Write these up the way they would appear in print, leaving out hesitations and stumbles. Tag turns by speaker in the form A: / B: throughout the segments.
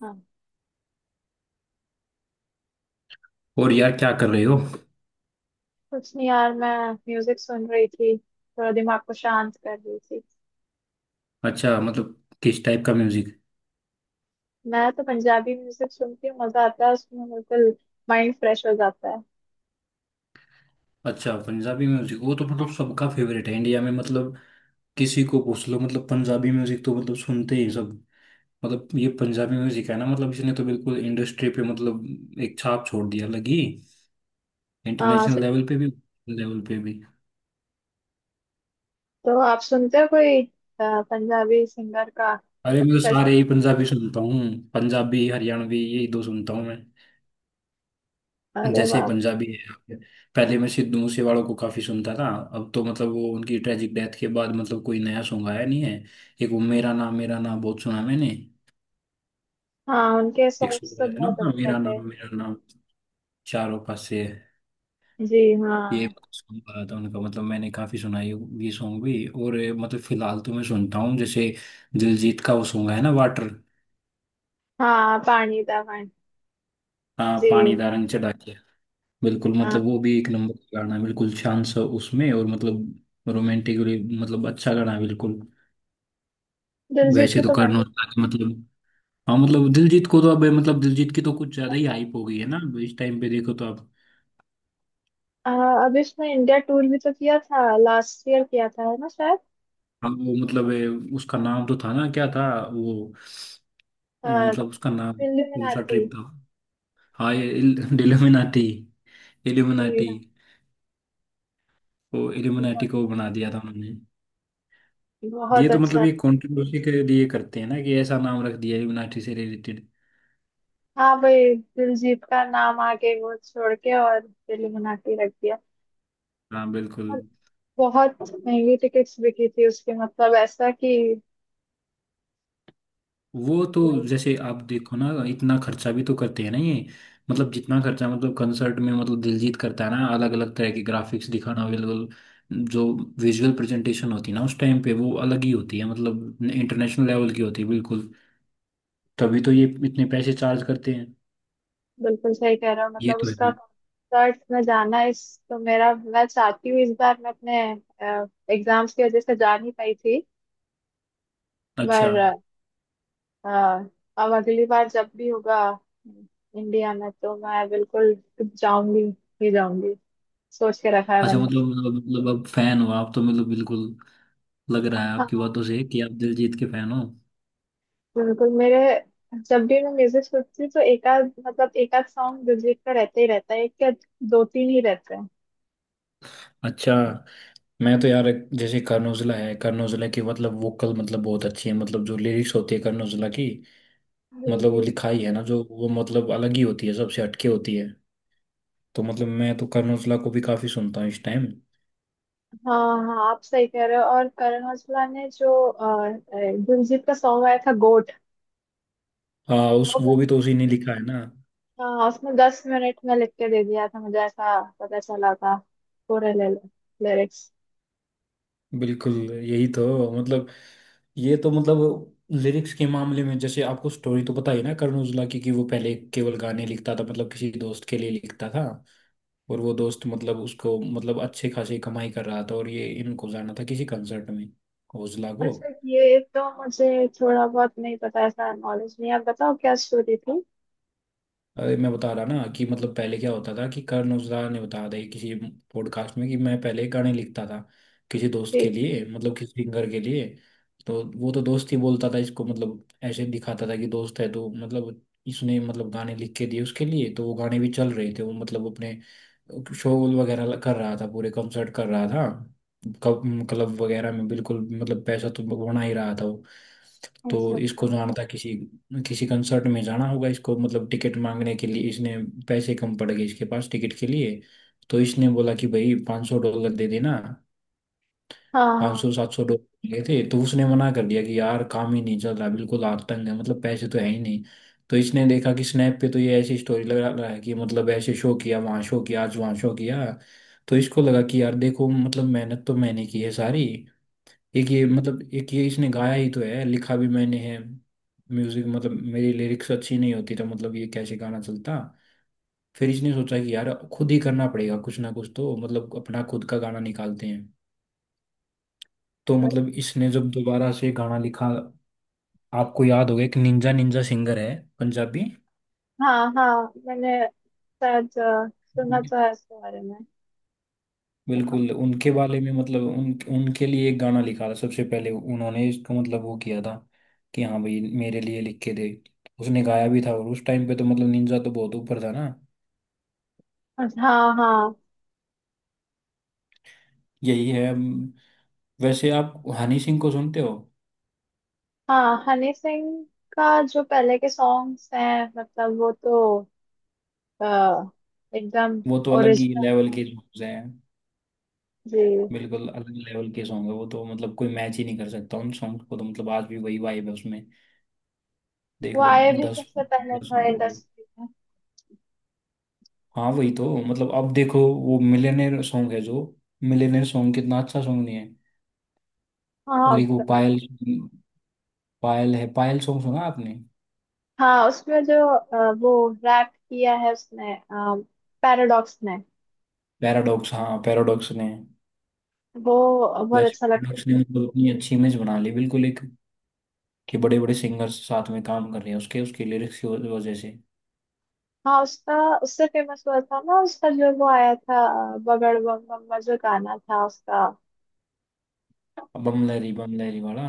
A: हाँ।
B: और यार क्या कर रहे हो?
A: कुछ नहीं यार, मैं म्यूजिक सुन रही थी, थोड़ा दिमाग को शांत कर रही थी।
B: अच्छा, मतलब किस टाइप का म्यूजिक?
A: मैं तो पंजाबी म्यूजिक सुनती हूँ, मजा आता है उसमें बिल्कुल। माइंड फ्रेश हो जाता है।
B: अच्छा, पंजाबी म्यूजिक वो तो मतलब सबका फेवरेट है इंडिया में मतलब। किसी को पूछ लो, मतलब पंजाबी म्यूजिक तो मतलब सुनते ही सब। मतलब ये पंजाबी म्यूजिक है ना, मतलब इसने तो बिल्कुल इंडस्ट्री पे मतलब एक छाप छोड़ दिया लगी।
A: हाँ
B: इंटरनेशनल
A: सर।
B: लेवल पे भी लेवल पे भी।
A: तो आप सुनते हो कोई पंजाबी सिंगर का?
B: अरे मैं तो सारे
A: जैसे-
B: ही पंजाबी सुनता हूँ। पंजाबी हरियाणवी, यही दो सुनता हूँ मैं।
A: अरे
B: जैसे
A: वाह।
B: पंजाबी है। पहले मैं सिद्धू मूसेवाला को काफी सुनता था। अब तो मतलब वो उनकी ट्रेजिक डेथ के बाद मतलब कोई नया सॉन्ग आया नहीं है। एक वो मेरा नाम बहुत सुना मैंने।
A: हाँ, उनके
B: एक
A: सॉन्ग्स
B: सॉन्ग
A: तो
B: आया था ना,
A: बहुत
B: हाँ,
A: अच्छे थे।
B: मेरा नाम चारों पासे।
A: जी
B: ये
A: हाँ।
B: सॉन्ग आया था उनका, मतलब मैंने काफी सुना ये सॉन्ग भी। और ये मतलब फिलहाल तो मैं सुनता हूँ जैसे दिलजीत का वो सॉन्ग है ना वाटर।
A: हाँ, पानी दा पानी।
B: हाँ
A: जी।
B: पानी दा रंग चढ़ा के। बिल्कुल
A: हाँ
B: मतलब वो भी एक नंबर का गाना है, बिल्कुल शांत सा उसमें और मतलब रोमांटिकली मतलब अच्छा गाना है बिल्कुल।
A: दिलजीत
B: वैसे
A: के
B: तो
A: तो मैं
B: करण
A: भी-
B: औजला के मतलब, हाँ मतलब दिलजीत को तो अब मतलब दिलजीत की तो कुछ ज्यादा ही हाइप हो गई है ना, अब इस टाइम पे देखो तो
A: अ, अभी उसने इंडिया टूर भी तो किया था, लास्ट ईयर किया था, है ना शायद।
B: अब वो मतलब उसका नाम तो था ना, क्या था वो?
A: अ,
B: मतलब उसका नाम
A: दिल्ली में
B: कौन सा
A: रहती।
B: ट्रिप था? हाँ ये इल्यूमिनाटी, इल्यूमिनाटी। वो इल्यूमिनाटी को बना दिया था उन्होंने। ये
A: बहुत
B: तो मतलब
A: अच्छा
B: ये
A: था।
B: कंट्रोवर्सी के लिए करते हैं ना कि ऐसा नाम रख दिया इल्यूमिनाटी से रिलेटेड।
A: हाँ भाई। दिलजीत का नाम आगे वो छोड़ के और दिल बना के रख दिया।
B: हाँ बिल्कुल।
A: और बहुत महंगी टिकट्स बिकी थी उसकी, मतलब ऐसा कि
B: वो तो
A: मैं
B: जैसे आप देखो ना, इतना खर्चा भी तो करते हैं ना ये। मतलब जितना खर्चा मतलब कंसर्ट में मतलब दिलजीत करता है ना, अलग अलग तरह के ग्राफिक्स दिखाना अवेलेबल। जो विजुअल प्रेजेंटेशन होती है ना उस टाइम पे वो अलग ही होती है, मतलब इंटरनेशनल लेवल की होती है बिल्कुल। तभी तो ये इतने पैसे चार्ज करते हैं।
A: बिल्कुल सही कह रहा हूँ,
B: ये
A: मतलब
B: तो है
A: उसका
B: ही।
A: कंसर्ट में जाना इस। तो मेरा मैं चाहती हूँ इस बार मैं अपने एग्जाम्स की वजह से जा नहीं पाई थी।
B: अच्छा,
A: पर अ, अब अगली बार जब भी होगा इंडिया में, तो मैं बिल्कुल जाऊंगी ही जाऊंगी। सोच के रखा है
B: अच्छा
A: मैंने।
B: मतलब अब फैन हो आप तो मतलब बिल्कुल, लग रहा है आपकी बातों से कि आप दिलजीत के फैन हो।
A: बिल्कुल मेरे, जब भी मैं म्यूजिक सुनती हूँ तो एक आध मतलब एक आध सॉन्ग दिलजीत का रहता ही रहता है, एक या दो तीन ही रहते हैं।
B: अच्छा। मैं तो यार जैसे कर्नोजुला है, कर्नोजुला की मतलब वोकल मतलब बहुत अच्छी है, मतलब जो लिरिक्स होती है कर्नोजुला की,
A: जी
B: मतलब
A: जी।
B: वो लिखाई है ना जो वो मतलब अलग ही होती है, सबसे हटके होती है। तो मतलब मैं तो कर्नोजुला को भी काफी सुनता हूँ इस टाइम।
A: हाँ हाँ, आप सही कह रहे हो। और करण औजला ने जो दिलजीत का सॉन्ग आया था, गोट।
B: हाँ उस
A: वो
B: वो भी
A: मैंने-
B: तो उसी ने लिखा है ना।
A: हाँ, उसमें 10 मिनट में लिख के दे दिया था, मुझे ऐसा पता चला था। पूरे ले लिरिक्स।
B: बिल्कुल यही तो मतलब, ये तो मतलब लिरिक्स के मामले में, जैसे आपको स्टोरी तो पता ही ना कर्नोजुला की कि वो पहले केवल गाने लिखता था, मतलब किसी दोस्त के लिए लिखता था। और वो दोस्त मतलब उसको मतलब अच्छे खासी कमाई कर रहा था, और ये इनको जाना था किसी कंसर्ट में। ओजला को।
A: अच्छा, ये तो मुझे थोड़ा बहुत नहीं पता, ऐसा नॉलेज नहीं है। आप बताओ क्या स्टोरी थी?
B: अरे मैं बता रहा ना कि मतलब पहले क्या होता था कि कर्ण औजला ने बताया था ये किसी पॉडकास्ट में कि मैं पहले गाने लिखता था किसी दोस्त के
A: जी।
B: लिए, मतलब किसी सिंगर के लिए। तो वो तो दोस्त ही बोलता था इसको, मतलब ऐसे दिखाता था कि दोस्त है, तो मतलब इसने मतलब गाने लिख के दिए उसके लिए, तो वो गाने भी चल रहे थे, वो मतलब अपने शो वगैरह कर रहा था, पूरे कंसर्ट कर रहा था। क्लब क्लब वगैरह में बिल्कुल, मतलब पैसा तो बना ही रहा था वो।
A: अच्छा
B: तो
A: अच्छा।
B: इसको जाना था किसी किसी कंसर्ट में, जाना होगा इसको, मतलब टिकट मांगने के लिए इसने पैसे कम पड़ गए इसके पास टिकट के लिए। तो इसने बोला कि भाई पाँच सौ डॉलर दे देना।
A: हाँ
B: पाँच सौ
A: हाँ।
B: सात सौ डॉलर लिए थे, तो उसने मना कर दिया कि यार काम ही नहीं चल रहा बिल्कुल, आतंक है मतलब, पैसे तो है ही नहीं। तो इसने देखा कि स्नैप पे तो ये ऐसी स्टोरी लगा रहा है कि मतलब ऐसे शो किया, वहाँ शो किया, आज वहाँ शो किया। तो इसको लगा कि यार देखो, मतलब मेहनत तो मैंने की है सारी। एक ये मतलब एक ये इसने गाया ही तो है, लिखा भी मैंने है, म्यूजिक मतलब मेरी लिरिक्स अच्छी नहीं होती तो मतलब ये कैसे गाना चलता। फिर इसने सोचा कि यार खुद ही करना पड़ेगा कुछ ना कुछ, तो मतलब अपना खुद का गाना निकालते हैं। तो मतलब इसने जब दोबारा से गाना लिखा, आपको याद होगा एक निंजा निंजा सिंगर है, पंजाबी।
A: हाँ हाँ मैंने शायद सुना तो है इसके बारे में।
B: बिल्कुल उनके बारे में, मतलब उन उनके लिए एक गाना लिखा था सबसे पहले उन्होंने, इसको मतलब वो किया था कि हाँ भाई मेरे लिए लिख के दे। उसने गाया भी था, और उस टाइम पे तो मतलब निंजा तो बहुत ऊपर था ना।
A: हाँ हाँ।
B: यही है वैसे आप हनी सिंह को सुनते हो?
A: हाँ, हनी सिंह का जो पहले के सॉन्ग्स हैं, मतलब वो तो अ, एकदम
B: वो तो अलग ही
A: ओरिजिनल।
B: लेवल के सॉन्ग्स हैं,
A: जी।
B: बिल्कुल अलग लेवल के सॉन्ग है वो तो, मतलब कोई मैच ही नहीं कर सकता उन सॉन्ग को, तो मतलब आज भी वही वाइब है उसमें,
A: वो
B: देख लो।
A: आए भी
B: दस
A: सबसे पहले
B: दस
A: था
B: साल हो गए।
A: इंडस्ट्री में।
B: हाँ वही तो मतलब, अब देखो वो मिलियनेयर सॉन्ग है जो, मिलियनेयर सॉन्ग कितना अच्छा सॉन्ग नहीं है। और
A: हाँ
B: एक वो पायल, पायल है, पायल सॉन्ग सुना आपने?
A: हाँ, उसमें जो वो रैप किया है उसने, पैराडॉक्स ने।
B: पैराडॉक्स, हाँ पैराडॉक्स ने।
A: वो बहुत
B: वैसे
A: अच्छा।
B: पैराडॉक्स ने मतलब अपनी अच्छी इमेज बना ली बिल्कुल एक, कि बड़े बड़े सिंगर्स साथ में काम कर रहे हैं उसके, उसके लिरिक्स की वजह से।
A: हाँ, उसका उससे फेमस हुआ था ना, उसका जो वो आया था बगड़ बम बम्बा जो गाना था उसका।
B: बम लहरी वाला।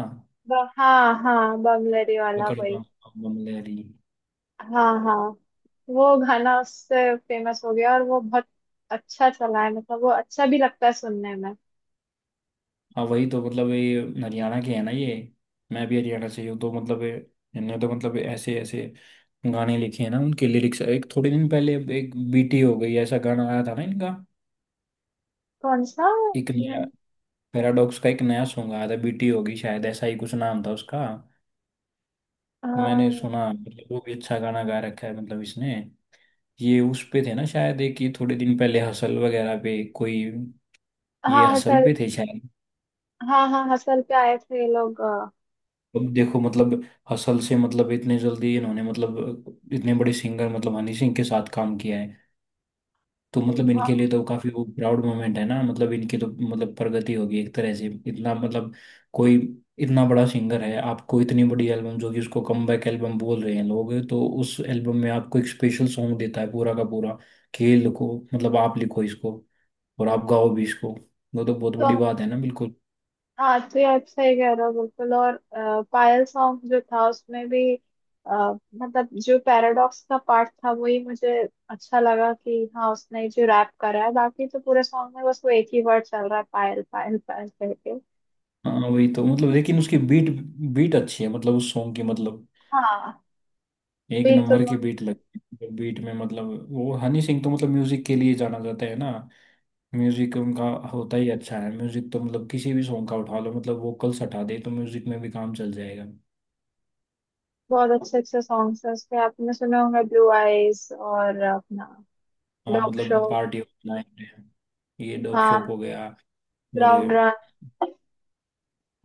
A: हाँ हाँ, बमलरी वाला
B: पकड़
A: वही।
B: बम, बम लहरी।
A: हाँ हाँ। वो गाना उससे फेमस हो गया और वो बहुत अच्छा चला है, मतलब वो अच्छा भी लगता है सुनने में।
B: हाँ वही तो मतलब, ये हरियाणा के है ना ये। मैं भी हरियाणा से ही हूँ तो मतलब इनने तो मतलब ऐसे ऐसे गाने लिखे हैं ना, उनके लिरिक्स, एक थोड़े दिन पहले एक बीटी हो गई ऐसा गाना आया था ना इनका,
A: कौन सा?
B: एक नया।
A: मैंने-
B: पैराडॉक्स का एक नया सॉन्ग आया था, बीटी होगी शायद ऐसा ही कुछ नाम था उसका।
A: अ,
B: मैंने सुना, मतलब वो भी अच्छा गाना गा रखा है मतलब इसने। ये उस पे थे ना शायद, एक ये थोड़े दिन पहले हसल वगैरह पे कोई, ये
A: हाँ
B: हसल
A: हसल।
B: पे थे शायद।
A: हाँ हाँ, हसल पे आए थे ये लोग।
B: अब देखो मतलब, हसल से मतलब इतने जल्दी इन्होंने मतलब इतने बड़े सिंगर मतलब हनी सिंह के साथ काम किया है, तो मतलब
A: हाँ।
B: इनके लिए तो काफी वो प्राउड मोमेंट है ना, मतलब इनकी तो मतलब प्रगति होगी एक तरह से, इतना मतलब कोई इतना बड़ा सिंगर है, आपको इतनी बड़ी एल्बम, जो कि उसको कमबैक एल्बम बोल रहे हैं लोग, तो उस एल्बम में आपको एक स्पेशल सॉन्ग देता है पूरा का पूरा कि ये लिखो, मतलब आप लिखो इसको और आप गाओ भी इसको। वो तो बहुत
A: तो
B: बड़ी बात है ना बिल्कुल।
A: हाँ, तो ये आप सही कह रहे हो बिल्कुल। और पायल सॉन्ग जो था उसमें भी अ, मतलब जो पैराडॉक्स का पार्ट था वही मुझे अच्छा लगा कि हाँ, उसने जो रैप करा है। बाकी तो पूरे सॉन्ग में बस वो एक ही वर्ड चल रहा है पायल पायल पायल करके।
B: हाँ वही तो मतलब, लेकिन उसकी बीट, बीट अच्छी है मतलब उस सॉन्ग की मतलब,
A: हाँ
B: एक
A: बीट तो
B: नंबर की
A: बहुत।
B: बीट लगती है, बीट में मतलब वो, हनी सिंह तो मतलब म्यूजिक के लिए जाना जाता है ना, म्यूजिक उनका होता ही अच्छा है, म्यूजिक तो मतलब किसी भी सॉन्ग का उठा लो, मतलब वोकल्स हटा दे तो म्यूजिक में भी काम चल जाएगा।
A: बहुत अच्छे अच्छे सॉन्ग्स हैं उसके, आपने सुने होंगे, ब्लू आईज और अपना
B: हाँ
A: डॉग शो।
B: मतलब पार्टी नाइट, ये डोप शोप हो
A: हाँ।
B: गया, और
A: ब्राउन रंग।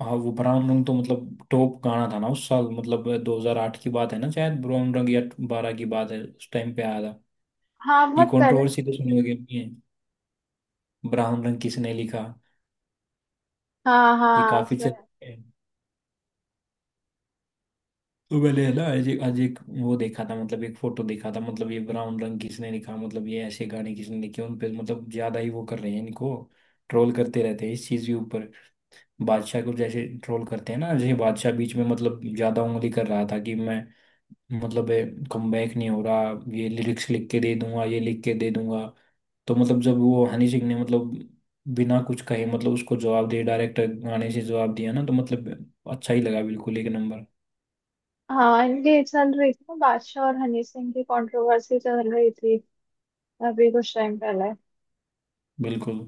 B: हाँ वो ब्राउन रंग तो मतलब टॉप गाना था ना उस साल, मतलब 2008 की बात है ना शायद ब्राउन रंग, या बारह की बात है, उस टाइम पे आया था।
A: हाँ
B: ये
A: बहुत पहले।
B: कंट्रोवर्सी तो सुनी होगी अपनी, ब्राउन रंग किसने लिखा।
A: हाँ
B: ये
A: हाँ
B: काफी
A: उसमें।
B: चल, तो मैंने है ना आज एक वो देखा था, मतलब एक फोटो देखा था, मतलब ये ब्राउन रंग किसने लिखा, मतलब ये ऐसे गाने किसने लिखे उन पे, मतलब ज्यादा ही वो कर रहे हैं इनको, ट्रोल करते रहते हैं इस चीज के ऊपर। बादशाह को जैसे ट्रोल करते हैं ना, जैसे बादशाह बीच में मतलब ज्यादा उंगली कर रहा था कि मैं, मतलब कम बैक नहीं हो रहा, ये लिरिक्स लिख के दे दूंगा, ये लिख के दे दूंगा। तो मतलब जब वो हनी सिंह ने मतलब बिना कुछ कहे मतलब उसको जवाब दिया, डायरेक्ट गाने से जवाब दिया ना, तो मतलब अच्छा ही लगा बिल्कुल, एक नंबर।
A: हाँ, इनकी चल रही थी ना, बादशाह और हनी सिंह की कंट्रोवर्सी चल रही थी अभी कुछ टाइम पहले।
B: बिल्कुल।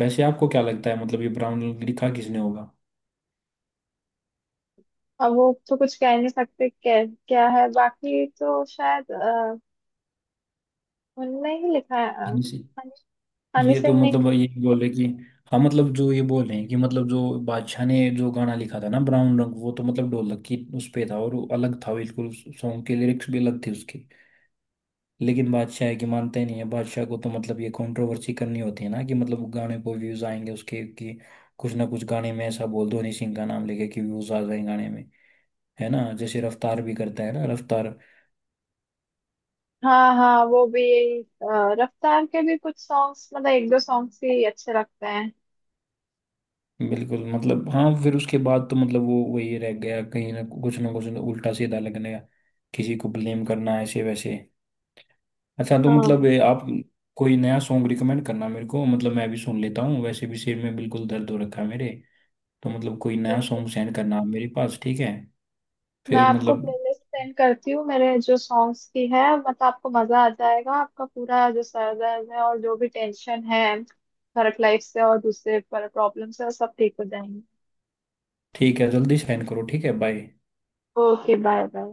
B: वैसे आपको क्या लगता है, मतलब ये ब्राउन लिखा किसने होगा?
A: अब वो तो कुछ कह नहीं सकते क्या क्या है, बाकी तो शायद उनने ही लिखा है,
B: हाँ जी।
A: हनी हनी
B: ये तो
A: सिंह ने।
B: मतलब ये बोले कि हाँ, मतलब जो ये बोल रहे हैं कि मतलब जो बादशाह ने जो गाना लिखा था ना ब्राउन रंग, वो तो मतलब ढोलक की उस पे था और वो अलग था बिल्कुल, सॉन्ग के लिरिक्स भी अलग थे उसके। लेकिन बादशाह है कि मानते नहीं है, बादशाह को तो मतलब ये कंट्रोवर्सी करनी होती है ना कि मतलब गाने को व्यूज आएंगे उसके, कि कुछ ना कुछ गाने में ऐसा बोल दो हनी सिंह का नाम लेके कि व्यूज आ जाए गाने में। है ना, जैसे रफ्तार भी करता है ना रफ्तार।
A: हाँ हाँ, वो भी यही रफ्तार के भी कुछ सॉन्ग्स, मतलब एक दो सॉन्ग्स ही अच्छे लगते हैं।
B: बिल्कुल मतलब, हाँ फिर उसके बाद तो मतलब वो वही रह गया, कहीं ना कुछ ना कुछ ना उल्टा सीधा लगने का, किसी को ब्लेम करना ऐसे वैसे। अच्छा तो मतलब
A: हाँ,
B: ये आप कोई नया सॉन्ग रिकमेंड करना मेरे को, मतलब मैं भी सुन लेता हूँ, वैसे भी सिर में बिल्कुल दर्द हो रखा है मेरे। तो मतलब कोई नया सॉन्ग सेंड करना आप मेरे पास, ठीक है?
A: मैं
B: फिर
A: आपको
B: मतलब,
A: प्लेलिस्ट सेंड करती हूँ मेरे जो सॉन्ग्स की है, मतलब आपको मजा आ जाएगा, आपका पूरा जो सर दर्द है और जो भी टेंशन है वर्क लाइफ से और दूसरे पर प्रॉब्लम से वो सब ठीक हो जाएंगे।
B: ठीक है, जल्दी सेंड करो, ठीक है, बाय।
A: Okay bye bye.